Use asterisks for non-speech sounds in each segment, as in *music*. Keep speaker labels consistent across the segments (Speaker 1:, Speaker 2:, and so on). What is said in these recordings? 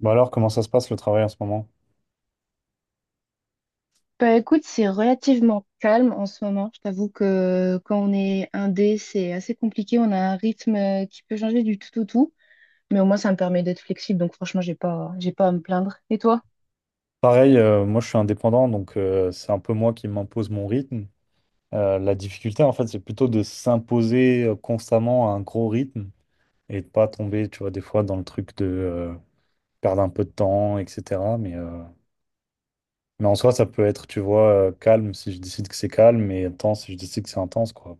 Speaker 1: Bah alors, comment ça se passe le travail en ce moment?
Speaker 2: Bah écoute, c'est relativement calme en ce moment. Je t'avoue que quand on est indé, c'est assez compliqué. On a un rythme qui peut changer du tout au tout, mais au moins ça me permet d'être flexible. Donc franchement, j'ai pas à me plaindre. Et toi?
Speaker 1: Pareil, moi je suis indépendant, donc c'est un peu moi qui m'impose mon rythme. La difficulté, en fait, c'est plutôt de s'imposer constamment à un gros rythme et de pas tomber, tu vois, des fois dans le truc de perdre un peu de temps, etc. Mais en soi, ça peut être, tu vois, calme si je décide que c'est calme et intense si je décide que c'est intense, quoi.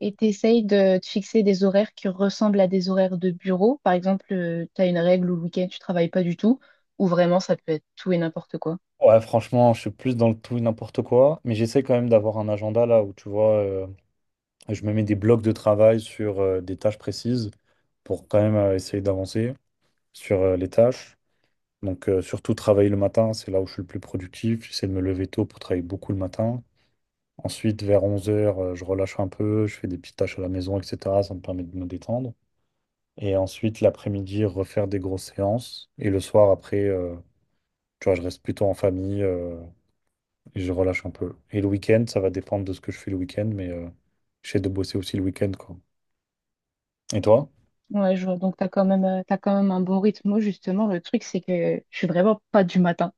Speaker 2: Et t'essayes de te fixer des horaires qui ressemblent à des horaires de bureau. Par exemple, tu as une règle où le week-end tu travailles pas du tout, ou vraiment ça peut être tout et n'importe quoi.
Speaker 1: Ouais, franchement, je suis plus dans le tout et n'importe quoi, mais j'essaie quand même d'avoir un agenda là où, tu vois. Et je me mets des blocs de travail sur des tâches précises pour quand même essayer d'avancer sur les tâches. Donc, surtout travailler le matin, c'est là où je suis le plus productif. J'essaie de me lever tôt pour travailler beaucoup le matin. Ensuite, vers onze heures je relâche un peu, je fais des petites tâches à la maison, etc. Ça me permet de me détendre. Et ensuite, l'après-midi, refaire des grosses séances. Et le soir, après, tu vois, je reste plutôt en famille et je relâche un peu. Et le week-end, ça va dépendre de ce que je fais le week-end, mais j'essaie de bosser aussi le week-end, quoi. Et toi?
Speaker 2: Ouais, je vois. Donc, tu as quand même, t'as quand même un bon rythme. Moi, justement, le truc, c'est que je suis vraiment pas du matin.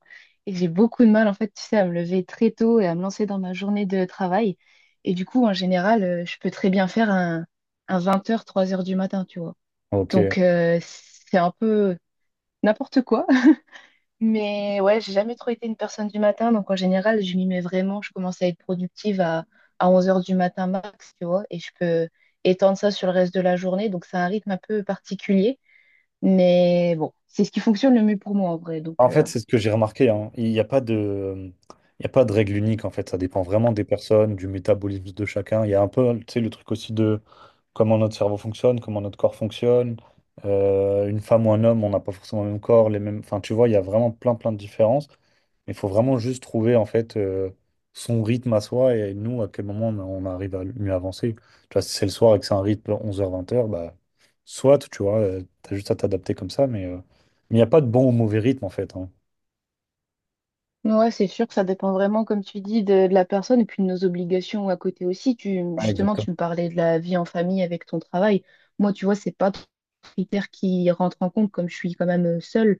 Speaker 2: Et j'ai beaucoup de mal, en fait, tu sais, à me lever très tôt et à me lancer dans ma journée de travail. Et du coup, en général, je peux très bien faire un vingt heures trois heures du matin, tu vois.
Speaker 1: Ok.
Speaker 2: Donc, c'est un peu n'importe quoi. *laughs* Mais ouais, j'ai jamais trop été une personne du matin. Donc, en général, je m'y mets vraiment. Je commence à être productive à onze heures du matin max, tu vois. Et je peux étendre ça sur le reste de la journée. Donc, c'est un rythme un peu particulier. Mais bon, c'est ce qui fonctionne le mieux pour moi en vrai. Donc,
Speaker 1: En fait, c'est ce que j'ai remarqué, hein. Il y a pas de règle unique, en fait. Ça dépend vraiment des personnes, du métabolisme de chacun. Il y a un peu, tu sais, le truc aussi de comment notre cerveau fonctionne, comment notre corps fonctionne. Une femme ou un homme, on n'a pas forcément le même corps, les mêmes, enfin, tu vois, il y a vraiment plein, plein de différences. Il faut vraiment juste trouver, en fait, son rythme à soi et nous, à quel moment on arrive à mieux avancer. Tu vois, si c'est le soir et que c'est un rythme 11 heures 20 heures, bah, soit, tu vois, tu as juste à t'adapter comme ça, mais il n'y a pas de bon ou mauvais rythme en fait, hein.
Speaker 2: ouais, c'est sûr que ça dépend vraiment, comme tu dis, de la personne et puis de nos obligations à côté aussi.
Speaker 1: Ouais,
Speaker 2: Justement,
Speaker 1: exactement.
Speaker 2: tu me parlais de la vie en famille avec ton travail. Moi, tu vois, c'est pas trop un critère qui rentre en compte comme je suis quand même seule.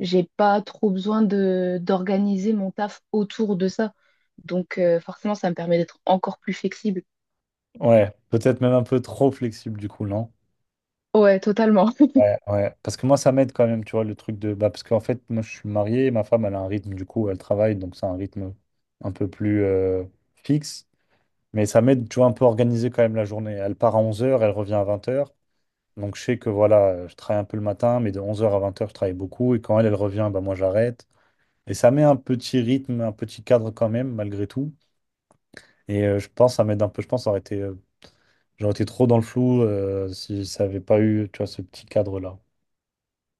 Speaker 2: J'ai pas trop besoin de d'organiser mon taf autour de ça. Donc, forcément, ça me permet d'être encore plus flexible.
Speaker 1: Ouais, peut-être même un peu trop flexible du coup, non?
Speaker 2: Ouais, totalement.
Speaker 1: Ouais, ouais. Parce que moi, ça m'aide quand même, tu vois, le truc de... Bah, parce qu'en fait, moi, je suis marié, ma femme, elle a un rythme, du coup, elle travaille, donc c'est un rythme un peu plus fixe. Mais ça m'aide, tu vois, un peu organiser quand même la journée. Elle part à onze heures, elle revient à vingt heures. Donc je sais que, voilà, je travaille un peu le matin, mais de onze heures à vingt heures je travaille beaucoup. Et quand elle revient, bah, moi, j'arrête. Et ça met un petit rythme, un petit cadre quand même, malgré tout. Et je pense, ça m'aide un peu. Je pense, ça aurait été j'aurais été trop dans le flou si ça avait pas eu, tu vois, ce petit cadre-là.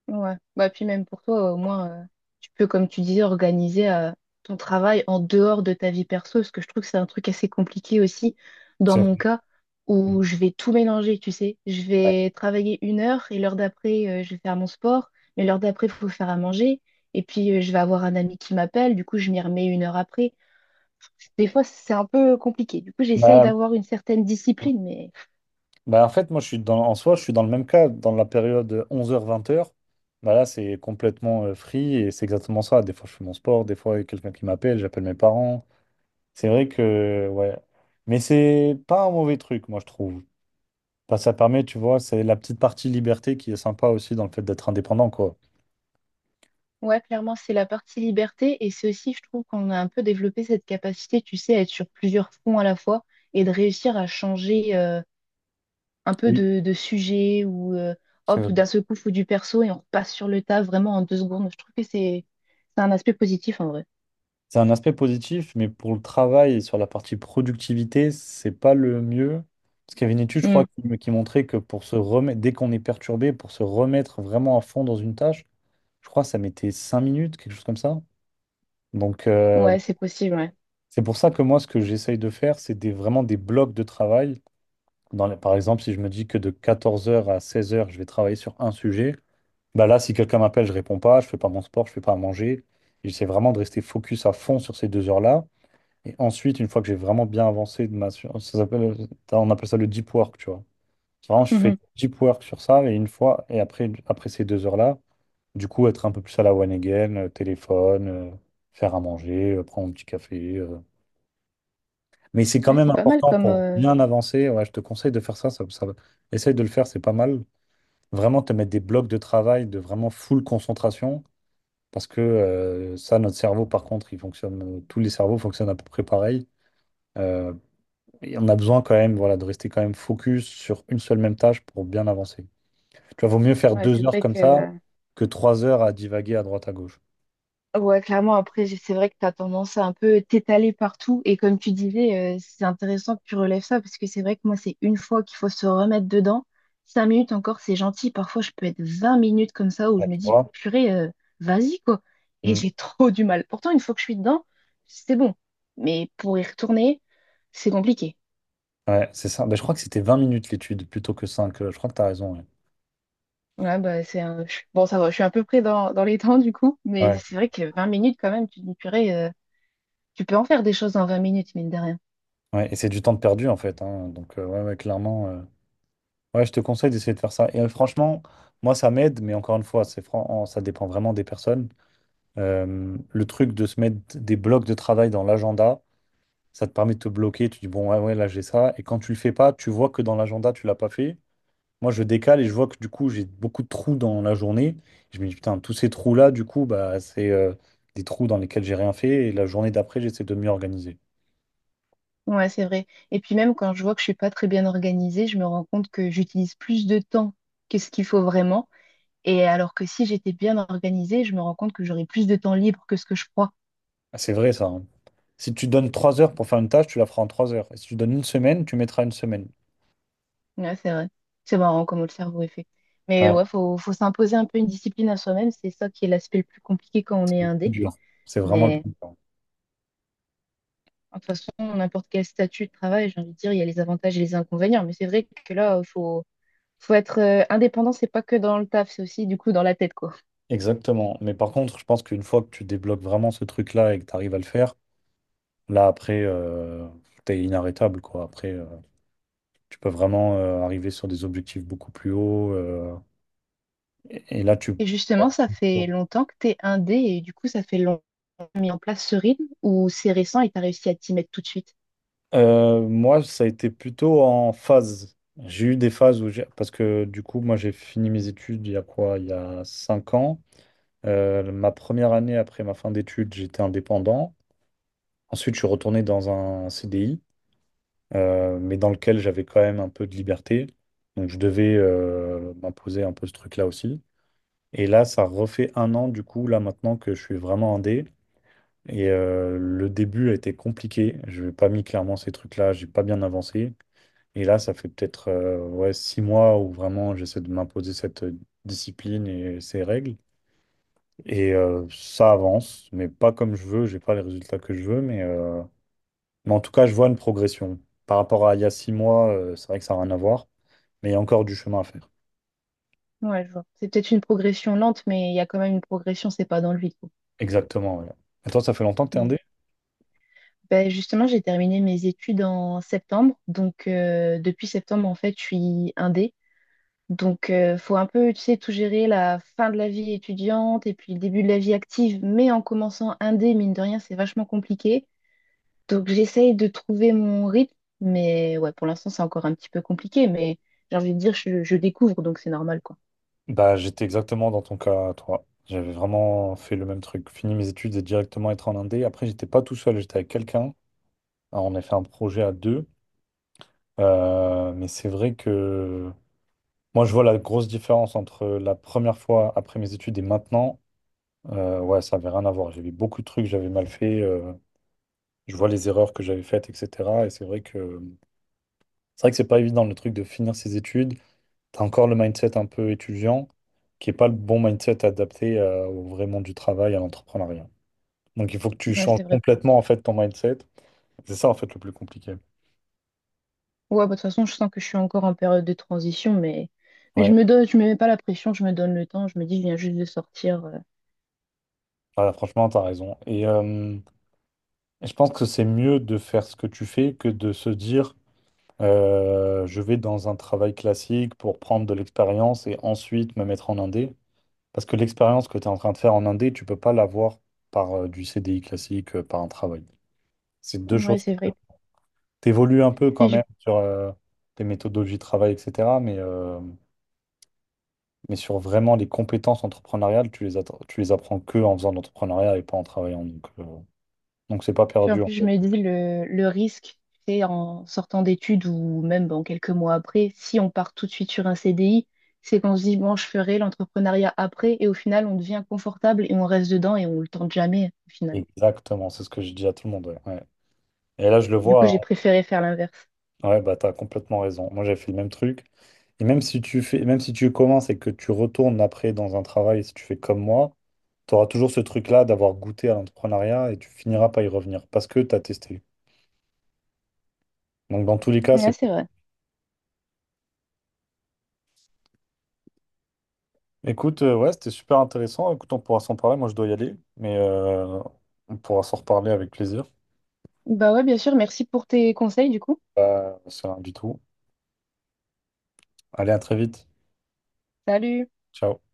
Speaker 2: Ouais. Bah, puis même pour toi, au moins, tu peux, comme tu disais, organiser ton travail en dehors de ta vie perso, parce que je trouve que c'est un truc assez compliqué aussi, dans
Speaker 1: C'est
Speaker 2: mon
Speaker 1: vrai.
Speaker 2: cas, où je vais tout mélanger, tu sais. Je
Speaker 1: Ouais.
Speaker 2: vais travailler une heure et l'heure d'après, je vais faire mon sport, mais l'heure d'après, il faut faire à manger. Et puis, je vais avoir un ami qui m'appelle, du coup, je m'y remets une heure après. Des fois, c'est un peu compliqué. Du coup, j'essaye
Speaker 1: Bah,
Speaker 2: d'avoir une certaine discipline, mais
Speaker 1: bah, en fait, moi, en soi, je suis dans le même cas, dans la période 11h-20h. Bah là, c'est complètement free et c'est exactement ça. Des fois, je fais mon sport, des fois, il y a quelqu'un qui m'appelle, j'appelle mes parents. C'est vrai que, ouais. Mais c'est pas un mauvais truc, moi, je trouve. Bah, ça permet, tu vois, c'est la petite partie liberté qui est sympa aussi dans le fait d'être indépendant, quoi.
Speaker 2: ouais, clairement, c'est la partie liberté et c'est aussi, je trouve, qu'on a un peu développé cette capacité, tu sais, à être sur plusieurs fronts à la fois et de réussir à changer un peu
Speaker 1: Oui.
Speaker 2: de sujet ou
Speaker 1: C'est
Speaker 2: hop, d'un seul coup, faut du perso et on repasse sur le tas vraiment en deux secondes. Je trouve que c'est un aspect positif en vrai.
Speaker 1: C'est un aspect positif, mais pour le travail et sur la partie productivité, c'est pas le mieux. Parce qu'il y avait une étude, je crois,
Speaker 2: Mm.
Speaker 1: qui montrait que pour se remettre, dès qu'on est perturbé, pour se remettre vraiment à fond dans une tâche, je crois que ça mettait 5 minutes, quelque chose comme ça. Donc,
Speaker 2: Ouais, c'est possible, ouais.
Speaker 1: c'est pour ça que moi, ce que j'essaye de faire, c'est vraiment des blocs de travail. Par exemple, si je me dis que de 14h à 16h, je vais travailler sur un sujet, bah là, si quelqu'un m'appelle, je réponds pas, je fais pas mon sport, je fais pas à manger. J'essaie vraiment de rester focus à fond sur ces deux heures-là. Et ensuite, une fois que j'ai vraiment bien avancé ça s'appelle, on appelle ça le deep work, tu vois. Vraiment, je fais
Speaker 2: Mhm.
Speaker 1: deep work sur ça et une fois, et après, après ces deux heures-là, du coup, être un peu plus à la one again, téléphone, faire à manger, prendre un petit café. Mais c'est quand
Speaker 2: Ouais,
Speaker 1: même
Speaker 2: c'est pas mal
Speaker 1: important
Speaker 2: comme.
Speaker 1: pour bien avancer. Ouais, je te conseille de faire ça. Essaye de le faire, c'est pas mal. Vraiment te mettre des blocs de travail de vraiment full concentration parce que ça, notre cerveau, par contre, tous les cerveaux fonctionnent à peu près pareil. Euh, Et on a besoin quand même, voilà, de rester quand même focus sur une seule même tâche pour bien avancer. Tu vois, vaut mieux faire
Speaker 2: Ouais, c'est
Speaker 1: deux heures
Speaker 2: vrai
Speaker 1: comme ça
Speaker 2: que.
Speaker 1: que trois heures à divaguer à droite à gauche.
Speaker 2: Ouais, clairement, après, c'est vrai que tu as tendance à un peu t'étaler partout. Et comme tu disais, c'est intéressant que tu relèves ça parce que c'est vrai que moi, c'est une fois qu'il faut se remettre dedans. Cinq minutes encore, c'est gentil. Parfois, je peux être 20 minutes comme ça où
Speaker 1: Ouais,
Speaker 2: je me
Speaker 1: tu
Speaker 2: dis,
Speaker 1: vois?
Speaker 2: purée, vas-y, quoi. Et
Speaker 1: Mm.
Speaker 2: j'ai *laughs* trop du mal. Pourtant, une fois que je suis dedans, c'est bon. Mais pour y retourner, c'est compliqué.
Speaker 1: Ouais, c'est ça. Ben, je crois que c'était 20 minutes l'étude plutôt que cinq. Je crois que tu as raison. Ouais.
Speaker 2: Ouais, bah, c'est un... Bon, ça va, je suis à peu près dans les temps, du coup. Mais
Speaker 1: Ouais.
Speaker 2: c'est vrai que 20 minutes, quand même, tu te dis, purée, tu peux en faire des choses en 20 minutes, mine de rien.
Speaker 1: Ouais, et c'est du temps de perdu en fait, hein. Donc, ouais, ouais, clairement. Ouais, je te conseille d'essayer de faire ça. Et franchement, moi, ça m'aide, mais encore une fois, ça dépend vraiment des personnes. Le truc de se mettre des blocs de travail dans l'agenda. Ça te permet de te bloquer, tu dis bon, ouais, ouais, là j'ai ça. Et quand tu le fais pas, tu vois que dans l'agenda, tu l'as pas fait. Moi, je décale et je vois que du coup, j'ai beaucoup de trous dans la journée. Je me dis putain, tous ces trous-là, du coup, bah, c'est des trous dans lesquels j'ai rien fait. Et la journée d'après, j'essaie de mieux organiser.
Speaker 2: Ouais, c'est vrai. Et puis même quand je vois que je suis pas très bien organisée, je me rends compte que j'utilise plus de temps que ce qu'il faut vraiment. Et alors que si j'étais bien organisée, je me rends compte que j'aurais plus de temps libre que ce que je crois.
Speaker 1: Ah, c'est vrai ça, hein. Si tu donnes trois heures pour faire une tâche, tu la feras en trois heures. Et si tu donnes une semaine, tu mettras une semaine.
Speaker 2: Ouais, c'est vrai. C'est marrant comment le cerveau est fait. Mais
Speaker 1: Ouais,
Speaker 2: ouais, faut s'imposer un peu une discipline à soi-même. C'est ça qui est l'aspect le plus compliqué quand on
Speaker 1: c'est
Speaker 2: est
Speaker 1: le plus
Speaker 2: indé.
Speaker 1: dur. C'est vraiment le
Speaker 2: Mais
Speaker 1: plus dur.
Speaker 2: de toute façon, n'importe quel statut de travail, j'ai envie de dire, il y a les avantages et les inconvénients. Mais c'est vrai que là, faut être indépendant, c'est pas que dans le taf, c'est aussi du coup dans la tête, quoi.
Speaker 1: Exactement. Mais par contre, je pense qu'une fois que tu débloques vraiment ce truc-là et que tu arrives à le faire, là, après, t'es inarrêtable, quoi. Après, tu peux vraiment arriver sur des objectifs beaucoup plus hauts. Et, là, tu...
Speaker 2: Et justement, ça fait longtemps que t'es indé et du coup, ça fait longtemps que t'as mis en place ce rythme ou c'est récent et t'as réussi à t'y mettre tout de suite?
Speaker 1: Moi, ça a été plutôt en phase. J'ai eu des phases où j'ai... Parce que du coup, moi, j'ai fini mes études il y a quoi? Il y a 5 ans. Ma première année après ma fin d'études, j'étais indépendant. Ensuite, je suis retourné dans un CDI, mais dans lequel j'avais quand même un peu de liberté. Donc, je devais m'imposer un peu ce truc-là aussi. Et là, ça refait un an, du coup, là maintenant que je suis vraiment indé. Et le début a été compliqué. Je n'ai pas mis clairement ces trucs-là, j'ai pas bien avancé. Et là, ça fait peut-être ouais, 6 mois où vraiment j'essaie de m'imposer cette discipline et ces règles. Et ça avance, mais pas comme je veux, j'ai pas les résultats que je veux, mais en tout cas, je vois une progression. Par rapport à il y a 6 mois, c'est vrai que ça n'a rien à voir, mais il y a encore du chemin à faire.
Speaker 2: Ouais, je vois. C'est peut-être une progression lente, mais il y a quand même une progression, c'est pas dans le vide. Quoi.
Speaker 1: Exactement, ouais. Et toi, ça fait longtemps que t'es
Speaker 2: Mm.
Speaker 1: indé?
Speaker 2: Ben justement, j'ai terminé mes études en septembre. Donc, depuis septembre, en fait, je suis indé. Donc, faut un peu, tu sais, tout gérer la fin de la vie étudiante et puis le début de la vie active. Mais en commençant indé, mine de rien, c'est vachement compliqué. Donc j'essaye de trouver mon rythme, mais ouais, pour l'instant c'est encore un petit peu compliqué, mais j'ai envie de dire je découvre, donc c'est normal quoi.
Speaker 1: Bah, j'étais exactement dans ton cas, toi. J'avais vraiment fait le même truc. Fini mes études et directement être en indé. Après, j'étais pas tout seul, j'étais avec quelqu'un. Alors, on a fait un projet à deux. Mais c'est vrai que moi, je vois la grosse différence entre la première fois après mes études et maintenant. Ouais, ça avait rien à voir. J'avais beaucoup de trucs, que j'avais mal fait. Je vois les erreurs que j'avais faites, etc. Et c'est vrai que c'est pas évident le truc de finir ses études. T'as encore le mindset un peu étudiant, qui est pas le bon mindset adapté au vrai monde du travail, à l'entrepreneuriat. Donc il faut que tu
Speaker 2: Ouais,
Speaker 1: changes
Speaker 2: c'est vrai.
Speaker 1: complètement en fait ton mindset. C'est ça en fait le plus compliqué.
Speaker 2: Ouais, bah, de toute façon, je sens que je suis encore en période de transition, mais je
Speaker 1: Ouais,
Speaker 2: me donne, je me mets pas la pression, je me donne le temps, je me dis je viens juste de sortir.
Speaker 1: voilà, franchement, t'as raison. Et je pense que c'est mieux de faire ce que tu fais que de se dire je vais dans un travail classique pour prendre de l'expérience et ensuite me mettre en indé. Parce que l'expérience que tu es en train de faire en indé, tu peux pas l'avoir par du CDI classique, par un travail. C'est deux
Speaker 2: Ouais,
Speaker 1: choses.
Speaker 2: c'est vrai.
Speaker 1: T'évolues un peu quand
Speaker 2: Puis je
Speaker 1: même sur tes méthodologies de travail, etc. Mais sur vraiment les compétences entrepreneuriales, tu les apprends que en faisant de l'entrepreneuriat et pas en travaillant. Donc, c'est pas
Speaker 2: Puis en
Speaker 1: perdu en
Speaker 2: plus, je
Speaker 1: fait.
Speaker 2: me dis le risque, c'est en sortant d'études ou même bon, quelques mois après, si on part tout de suite sur un CDI, c'est qu'on se dit, bon, je ferai l'entrepreneuriat après et au final, on devient confortable et on reste dedans et on le tente jamais au final.
Speaker 1: Exactement, c'est ce que je dis à tout le monde. Ouais, ouais. Et là, je le
Speaker 2: Du coup,
Speaker 1: vois,
Speaker 2: j'ai préféré faire l'inverse.
Speaker 1: hein. Ouais, bah t'as complètement raison. Moi, j'avais fait le même truc. Et même si tu fais, même si tu commences et que tu retournes après dans un travail, si tu fais comme moi, tu auras toujours ce truc-là d'avoir goûté à l'entrepreneuriat et tu finiras par y revenir parce que tu as testé. Donc dans tous les cas,
Speaker 2: Ouais,
Speaker 1: c'est...
Speaker 2: c'est vrai.
Speaker 1: Écoute, ouais, c'était super intéressant. Écoute, on pourra s'en parler. Moi, je dois y aller, mais on pourra s'en reparler avec plaisir.
Speaker 2: Bah ouais, bien sûr, merci pour tes conseils du coup.
Speaker 1: C'est rien du tout. Allez, à très vite.
Speaker 2: Salut!
Speaker 1: Ciao.